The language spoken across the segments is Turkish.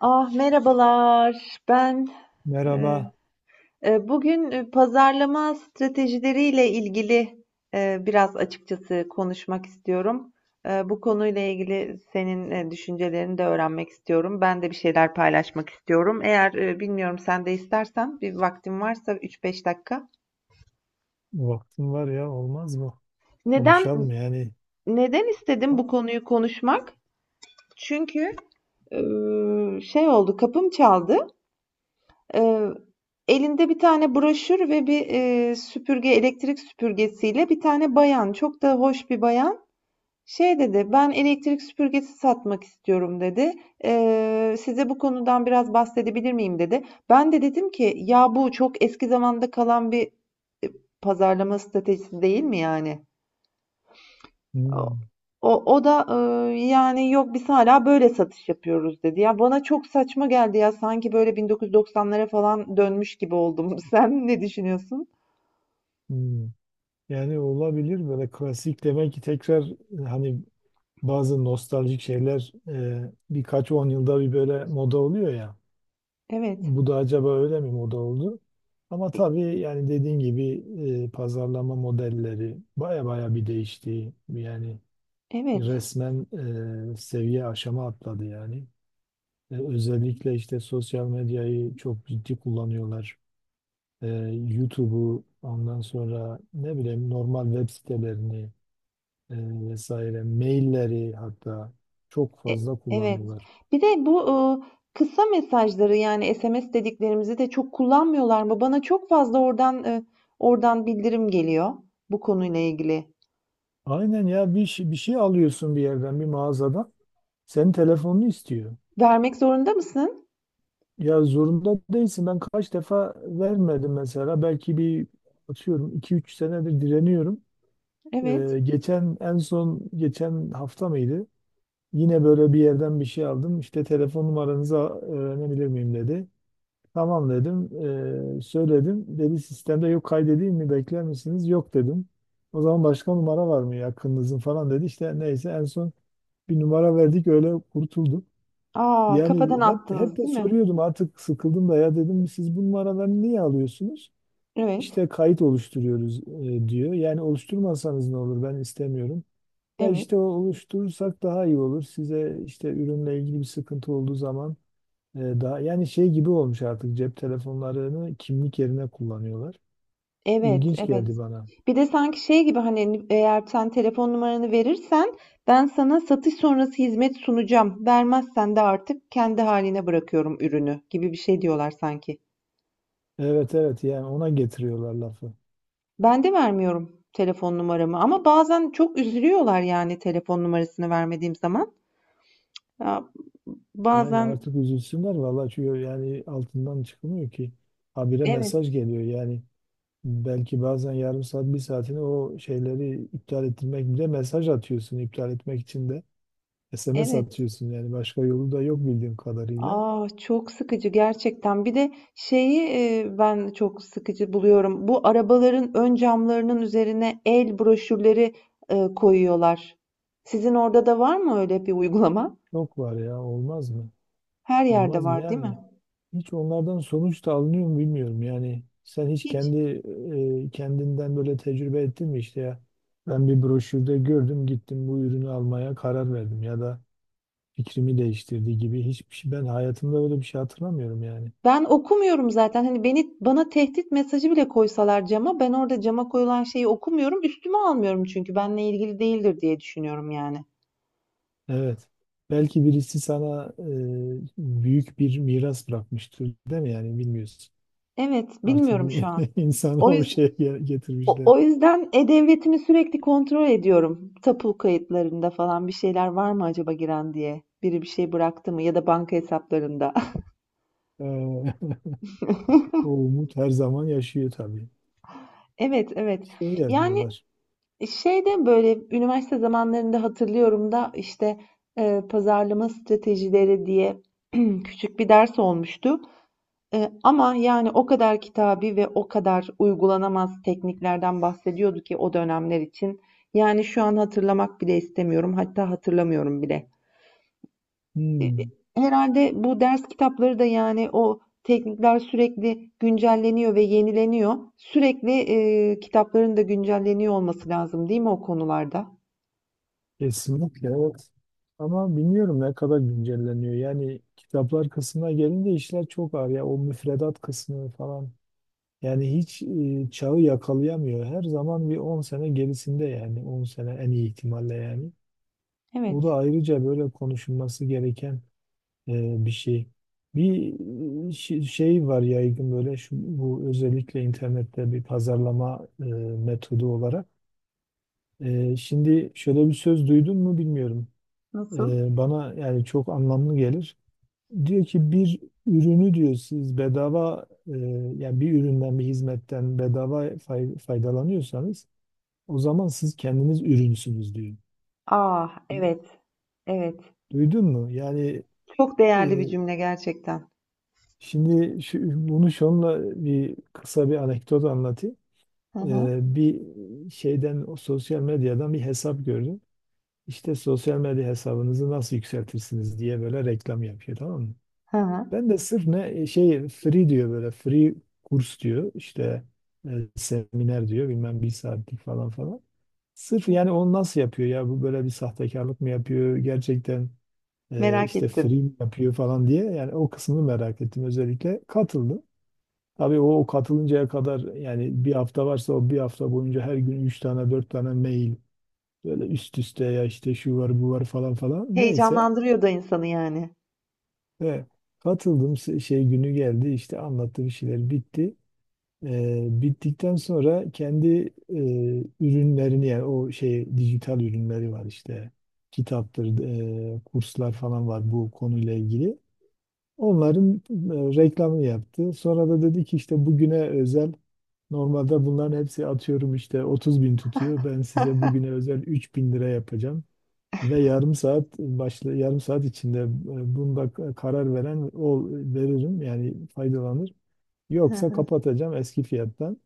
Ah merhabalar. Ben e, Merhaba. Bugün pazarlama stratejileriyle ilgili biraz açıkçası konuşmak istiyorum. Bu konuyla ilgili senin düşüncelerini de öğrenmek istiyorum. Ben de bir şeyler paylaşmak istiyorum. Eğer bilmiyorum sen de istersen bir vaktin varsa 3-5 dakika. Vaktim var ya olmaz mı? Neden Konuşalım yani. neden istedim bu Aa. konuyu konuşmak? Çünkü e, şey oldu, kapım çaldı. Eee, elinde bir tane broşür ve bir süpürge, elektrik süpürgesiyle bir tane bayan, çok da hoş bir bayan, şey dedi, "Ben elektrik süpürgesi satmak istiyorum," dedi. Size bu konudan biraz bahsedebilir miyim?" dedi. Ben de dedim ki, "Ya bu çok eski zamanda kalan bir, eee, pazarlama stratejisi değil mi yani?" Hmm. O da yani yok biz hala böyle satış yapıyoruz dedi. Ya bana çok saçma geldi ya sanki böyle 1990'lara falan dönmüş gibi oldum. Sen ne düşünüyorsun? Hmm. Yani olabilir, böyle klasik demek ki tekrar hani bazı nostaljik şeyler birkaç 10 yılda bir böyle moda oluyor ya. Evet, Bu da acaba öyle mi moda oldu? Ama tabii yani dediğin gibi pazarlama modelleri baya baya bir değişti. Yani evet, resmen seviye aşama atladı yani. Özellikle işte sosyal medyayı çok ciddi kullanıyorlar. E, YouTube'u, ondan sonra ne bileyim, normal web sitelerini e, vesaire, mailleri hatta çok fazla evet. kullanıyorlar. Bir de bu kısa mesajları yani SMS dediklerimizi de çok kullanmıyorlar mı? Bana çok fazla oradan oradan bildirim geliyor bu konuyla ilgili. Aynen ya, bir şey alıyorsun bir yerden, bir mağazadan, senin telefonunu istiyor. Vermek zorunda mısın? Ya zorunda değilsin, ben kaç defa vermedim mesela, belki bir, atıyorum iki üç senedir direniyorum. Evet. Geçen, en son geçen hafta mıydı? Yine böyle bir yerden bir şey aldım. İşte telefon numaranızı öğrenebilir miyim dedi. Tamam dedim. Söyledim. Dedi sistemde yok, kaydedeyim mi, bekler misiniz? Yok dedim. O zaman başka numara var mı yakınınızın falan dedi. İşte neyse, en son bir numara verdik, öyle kurtulduk. Aa, Yani kafadan hep attınız, de değil mi? soruyordum, artık sıkıldım da ya, dedim siz bu numaraları niye alıyorsunuz? Evet, İşte kayıt oluşturuyoruz diyor. Yani oluşturmasanız ne olur, ben istemiyorum. Ya evet, işte, o oluşturursak daha iyi olur. Size işte ürünle ilgili bir sıkıntı olduğu zaman daha, yani şey gibi olmuş, artık cep telefonlarını kimlik yerine kullanıyorlar. evet, İlginç evet. geldi bana. Bir de sanki şey gibi hani eğer sen telefon numaranı verirsen ben sana satış sonrası hizmet sunacağım. Vermezsen de artık kendi haline bırakıyorum ürünü gibi bir şey diyorlar sanki. Evet, evet, yani ona getiriyorlar lafı. Ben de vermiyorum telefon numaramı ama bazen çok üzülüyorlar yani telefon numarasını vermediğim zaman. Ya, Yani bazen artık üzülsünler vallahi, çünkü yani altından çıkılmıyor ki. Habire mesaj evet, geliyor yani, belki bazen yarım saat, bir saatini o şeyleri iptal ettirmek bile, mesaj atıyorsun iptal etmek için de SMS evet. atıyorsun yani, başka yolu da yok bildiğim kadarıyla. Aa, çok sıkıcı gerçekten. Bir de şeyi ben çok sıkıcı buluyorum. Bu arabaların ön camlarının üzerine el broşürleri koyuyorlar. Sizin orada da var mı öyle bir uygulama? Çok var, ya olmaz mı? Her yerde Olmaz mı var, değil mi? yani? Hiç onlardan sonuç da alınıyor mu bilmiyorum yani. Sen hiç Hiç. Kendinden böyle tecrübe ettin mi işte ya? Ben bir broşürde gördüm, gittim bu ürünü almaya karar verdim, ya da fikrimi değiştirdi gibi hiçbir şey ben hayatımda böyle bir şey hatırlamıyorum yani. Ben okumuyorum zaten. Hani beni bana tehdit mesajı bile koysalar cama, ben orada cama koyulan şeyi okumuyorum. Üstüme almıyorum çünkü benimle ilgili değildir diye düşünüyorum yani. Evet. Belki birisi sana büyük bir miras bırakmıştır, değil mi, yani bilmiyorsun. Evet, Artık bilmiyorum şu an. insanı O o yüzden şeye O, getirmişler. o yüzden e-devletimi sürekli kontrol ediyorum. Tapu kayıtlarında falan bir şeyler var mı acaba giren diye. Biri bir şey bıraktı mı ya da banka hesaplarında. Ee, O umut her zaman yaşıyor tabii. Evet, evet. Şey Yani yapıyorlar. şeyde böyle üniversite zamanlarında hatırlıyorum da işte pazarlama stratejileri diye küçük bir ders olmuştu. Ama yani o kadar kitabi ve o kadar uygulanamaz tekniklerden bahsediyordu ki o dönemler için. Yani şu an hatırlamak bile istemiyorum. Hatta hatırlamıyorum bile. E, e, Hmm, Herhalde bu ders kitapları da yani o teknikler sürekli güncelleniyor ve yenileniyor. Sürekli kitapların da güncelleniyor olması lazım, değil mi o konularda? kesinlikle evet. Ama bilmiyorum ne kadar güncelleniyor. Yani kitaplar kısmına gelince işler çok ağır ya. O müfredat kısmı falan. Yani hiç çağı yakalayamıyor. Her zaman bir 10 sene gerisinde yani. 10 sene en iyi ihtimalle yani. O da Evet. ayrıca böyle konuşulması gereken bir şey. Bir şey var yaygın, böyle şu, bu özellikle internette bir pazarlama metodu olarak. Şimdi, şöyle bir söz duydun mu bilmiyorum. Nasıl? Bana yani çok anlamlı gelir. Diyor ki bir ürünü diyor siz bedava, yani bir üründen, bir hizmetten bedava faydalanıyorsanız, o zaman siz kendiniz ürünsünüz diyor. Ah, evet. Evet. Duydun mu? Yani, Çok e, değerli bir cümle gerçekten. şimdi şu, bunu şunla bir kısa bir anekdot anlatayım. Hı hı. Bir şeyden, o sosyal medyadan bir hesap gördüm. İşte sosyal medya hesabınızı nasıl yükseltirsiniz diye böyle reklam yapıyor, tamam mı? Hı hı. Ben de sırf ne şey, free diyor böyle, free kurs diyor işte e, seminer diyor, bilmem bir saatlik falan falan. Sırf yani onu nasıl yapıyor ya, bu böyle bir sahtekarlık mı yapıyor gerçekten, Merak işte free ettim. mi yapıyor falan diye, yani o kısmını merak ettim, özellikle katıldım. Tabii o katılıncaya kadar yani, bir hafta varsa o bir hafta boyunca her gün 3 tane 4 tane mail, böyle üst üste ya, işte şu var bu var falan falan. Neyse. Heyecanlandırıyor da insanı yani. He. Katıldım, şey günü geldi, işte anlattı, bir şeyler bitti. Bittikten sonra kendi e, ürünlerini, yani o şey, dijital ürünleri var işte, kitaptır, kurslar falan var bu konuyla ilgili. Onların reklamını yaptı. Sonra da dedi ki işte bugüne özel, normalde bunların hepsi atıyorum işte 30 bin tutuyor. Ben size bugüne özel 3 bin lira yapacağım. Ve yarım saat başla, yarım saat içinde bunda karar veren, o veririm yani, faydalanır. Hı Yoksa hı. kapatacağım eski fiyattan.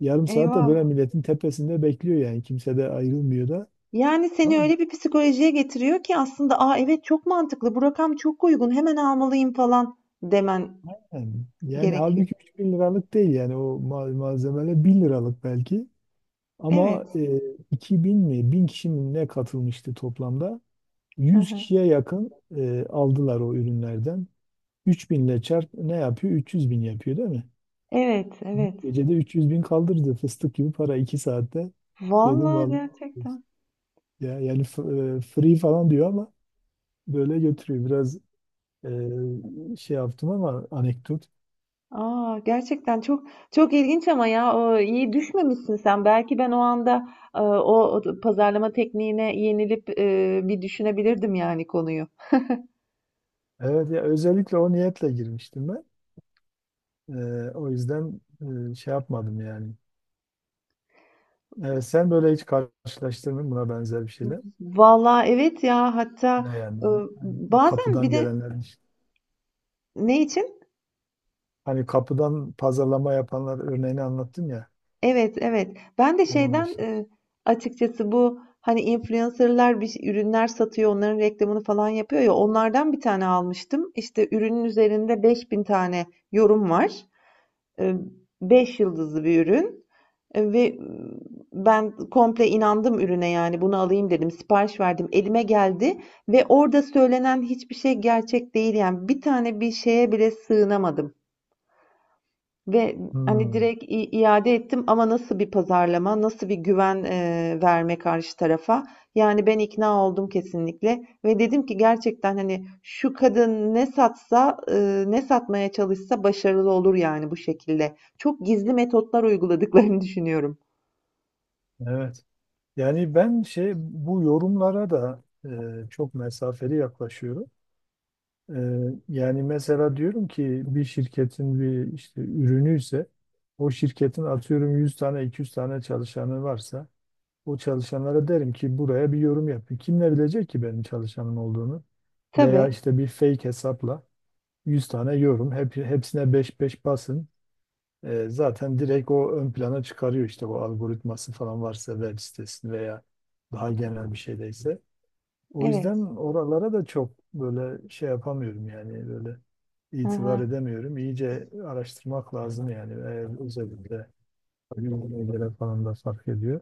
Yarım saat de böyle Eyvah. milletin tepesinde bekliyor yani, kimse de ayrılmıyor da. Yani seni Tamam mı? öyle bir psikolojiye getiriyor ki aslında "Aa evet çok mantıklı. Bu rakam çok uygun. Hemen almalıyım," falan demen Yani, yani gerekiyor. halbuki 3.000 liralık değil yani, o malzemeler 1000 liralık belki. Evet. Ama 2.000 mi, 1000 kişi mi ne katılmıştı toplamda? Hı 100 hı. kişiye yakın aldılar o ürünlerden. 3.000 ile çarp ne yapıyor? 300 bin yapıyor değil mi? Evet, evet. Gecede 300 bin kaldırdı, fıstık gibi para, 2 saatte. Dedim Vallahi vallahi, gerçekten. ya yani free falan diyor ama böyle götürüyor. Biraz şey yaptım ama, anekdot. Aa, gerçekten çok ilginç ama ya o iyi düşmemişsin sen. Belki ben o anda o pazarlama tekniğine yenilip bir düşünebilirdim yani konuyu. Evet ya, özellikle o niyetle girmiştim ben. O yüzden şey yapmadım yani. Evet, sen böyle hiç karşılaştırdın mı buna benzer bir şeyler? Vallahi evet ya hatta Ne yani? e, Hani bazen bir kapıdan de gelenler işte. ne için? Hani kapıdan pazarlama yapanlar örneğini anlattım ya, Evet evet. Ben de onun şeyden dışında. Açıkçası bu hani influencerlar ürünler satıyor, onların reklamını falan yapıyor ya onlardan bir tane almıştım. İşte ürünün üzerinde 5.000 tane yorum var. E, 5 yıldızlı bir ürün. Ve ben komple inandım ürüne, yani, "Bunu alayım," dedim. Sipariş verdim. Elime geldi ve orada söylenen hiçbir şey gerçek değil, yani. Bir tane bir şeye bile sığınamadım ve, hani, Hmm, direkt iade ettim ama nasıl bir pazarlama, nasıl bir güven, verme karşı tarafa? Yani, ben ikna oldum kesinlikle ve dedim ki gerçekten, hani, şu kadın ne satsa, ne satmaya çalışsa başarılı olur, yani, bu şekilde. Çok gizli metotlar uyguladıklarını düşünüyorum. evet. Yani ben şey, bu yorumlara da çok mesafeli yaklaşıyorum. E, yani mesela, diyorum ki bir şirketin bir işte ürünü ise, o şirketin atıyorum 100 tane 200 tane çalışanı varsa, o çalışanlara derim ki buraya bir yorum yapın. Kim ne bilecek ki benim çalışanım olduğunu? Veya Tabii, işte bir fake hesapla 100 tane yorum, hepsine 5-5 basın. Zaten direkt o ön plana çıkarıyor işte, bu algoritması falan varsa web sitesini, veya daha genel bir şeydeyse. O evet. yüzden oralara da çok böyle şey yapamıyorum yani, böyle Hı itibar hı, edemiyorum. İyice araştırmak lazım yani, eğer özellikle günümüze göre falan da fark ediyor.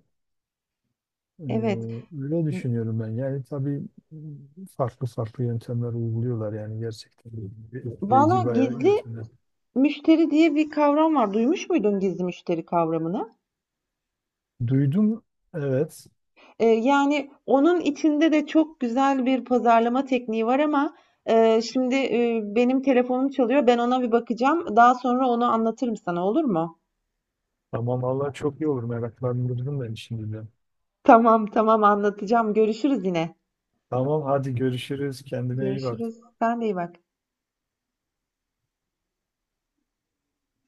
E, evet. öyle düşünüyorum ben. Yani tabii farklı farklı yöntemler uyguluyorlar yani, gerçekten Valla etkileyici bayağı gizli yöntemler. müşteri diye bir kavram var. Duymuş muydun gizli müşteri kavramını? Duydum evet. Yani onun içinde de çok güzel bir pazarlama tekniği var ama şimdi benim telefonum çalıyor. Ben ona bir bakacağım. Daha sonra onu anlatırım sana olur mu? Tamam valla, çok iyi olur, meraklandırdın beni şimdi de. Tamam, tamam anlatacağım. Görüşürüz yine. Tamam hadi görüşürüz, kendine iyi bak. Görüşürüz. Sen de iyi bak.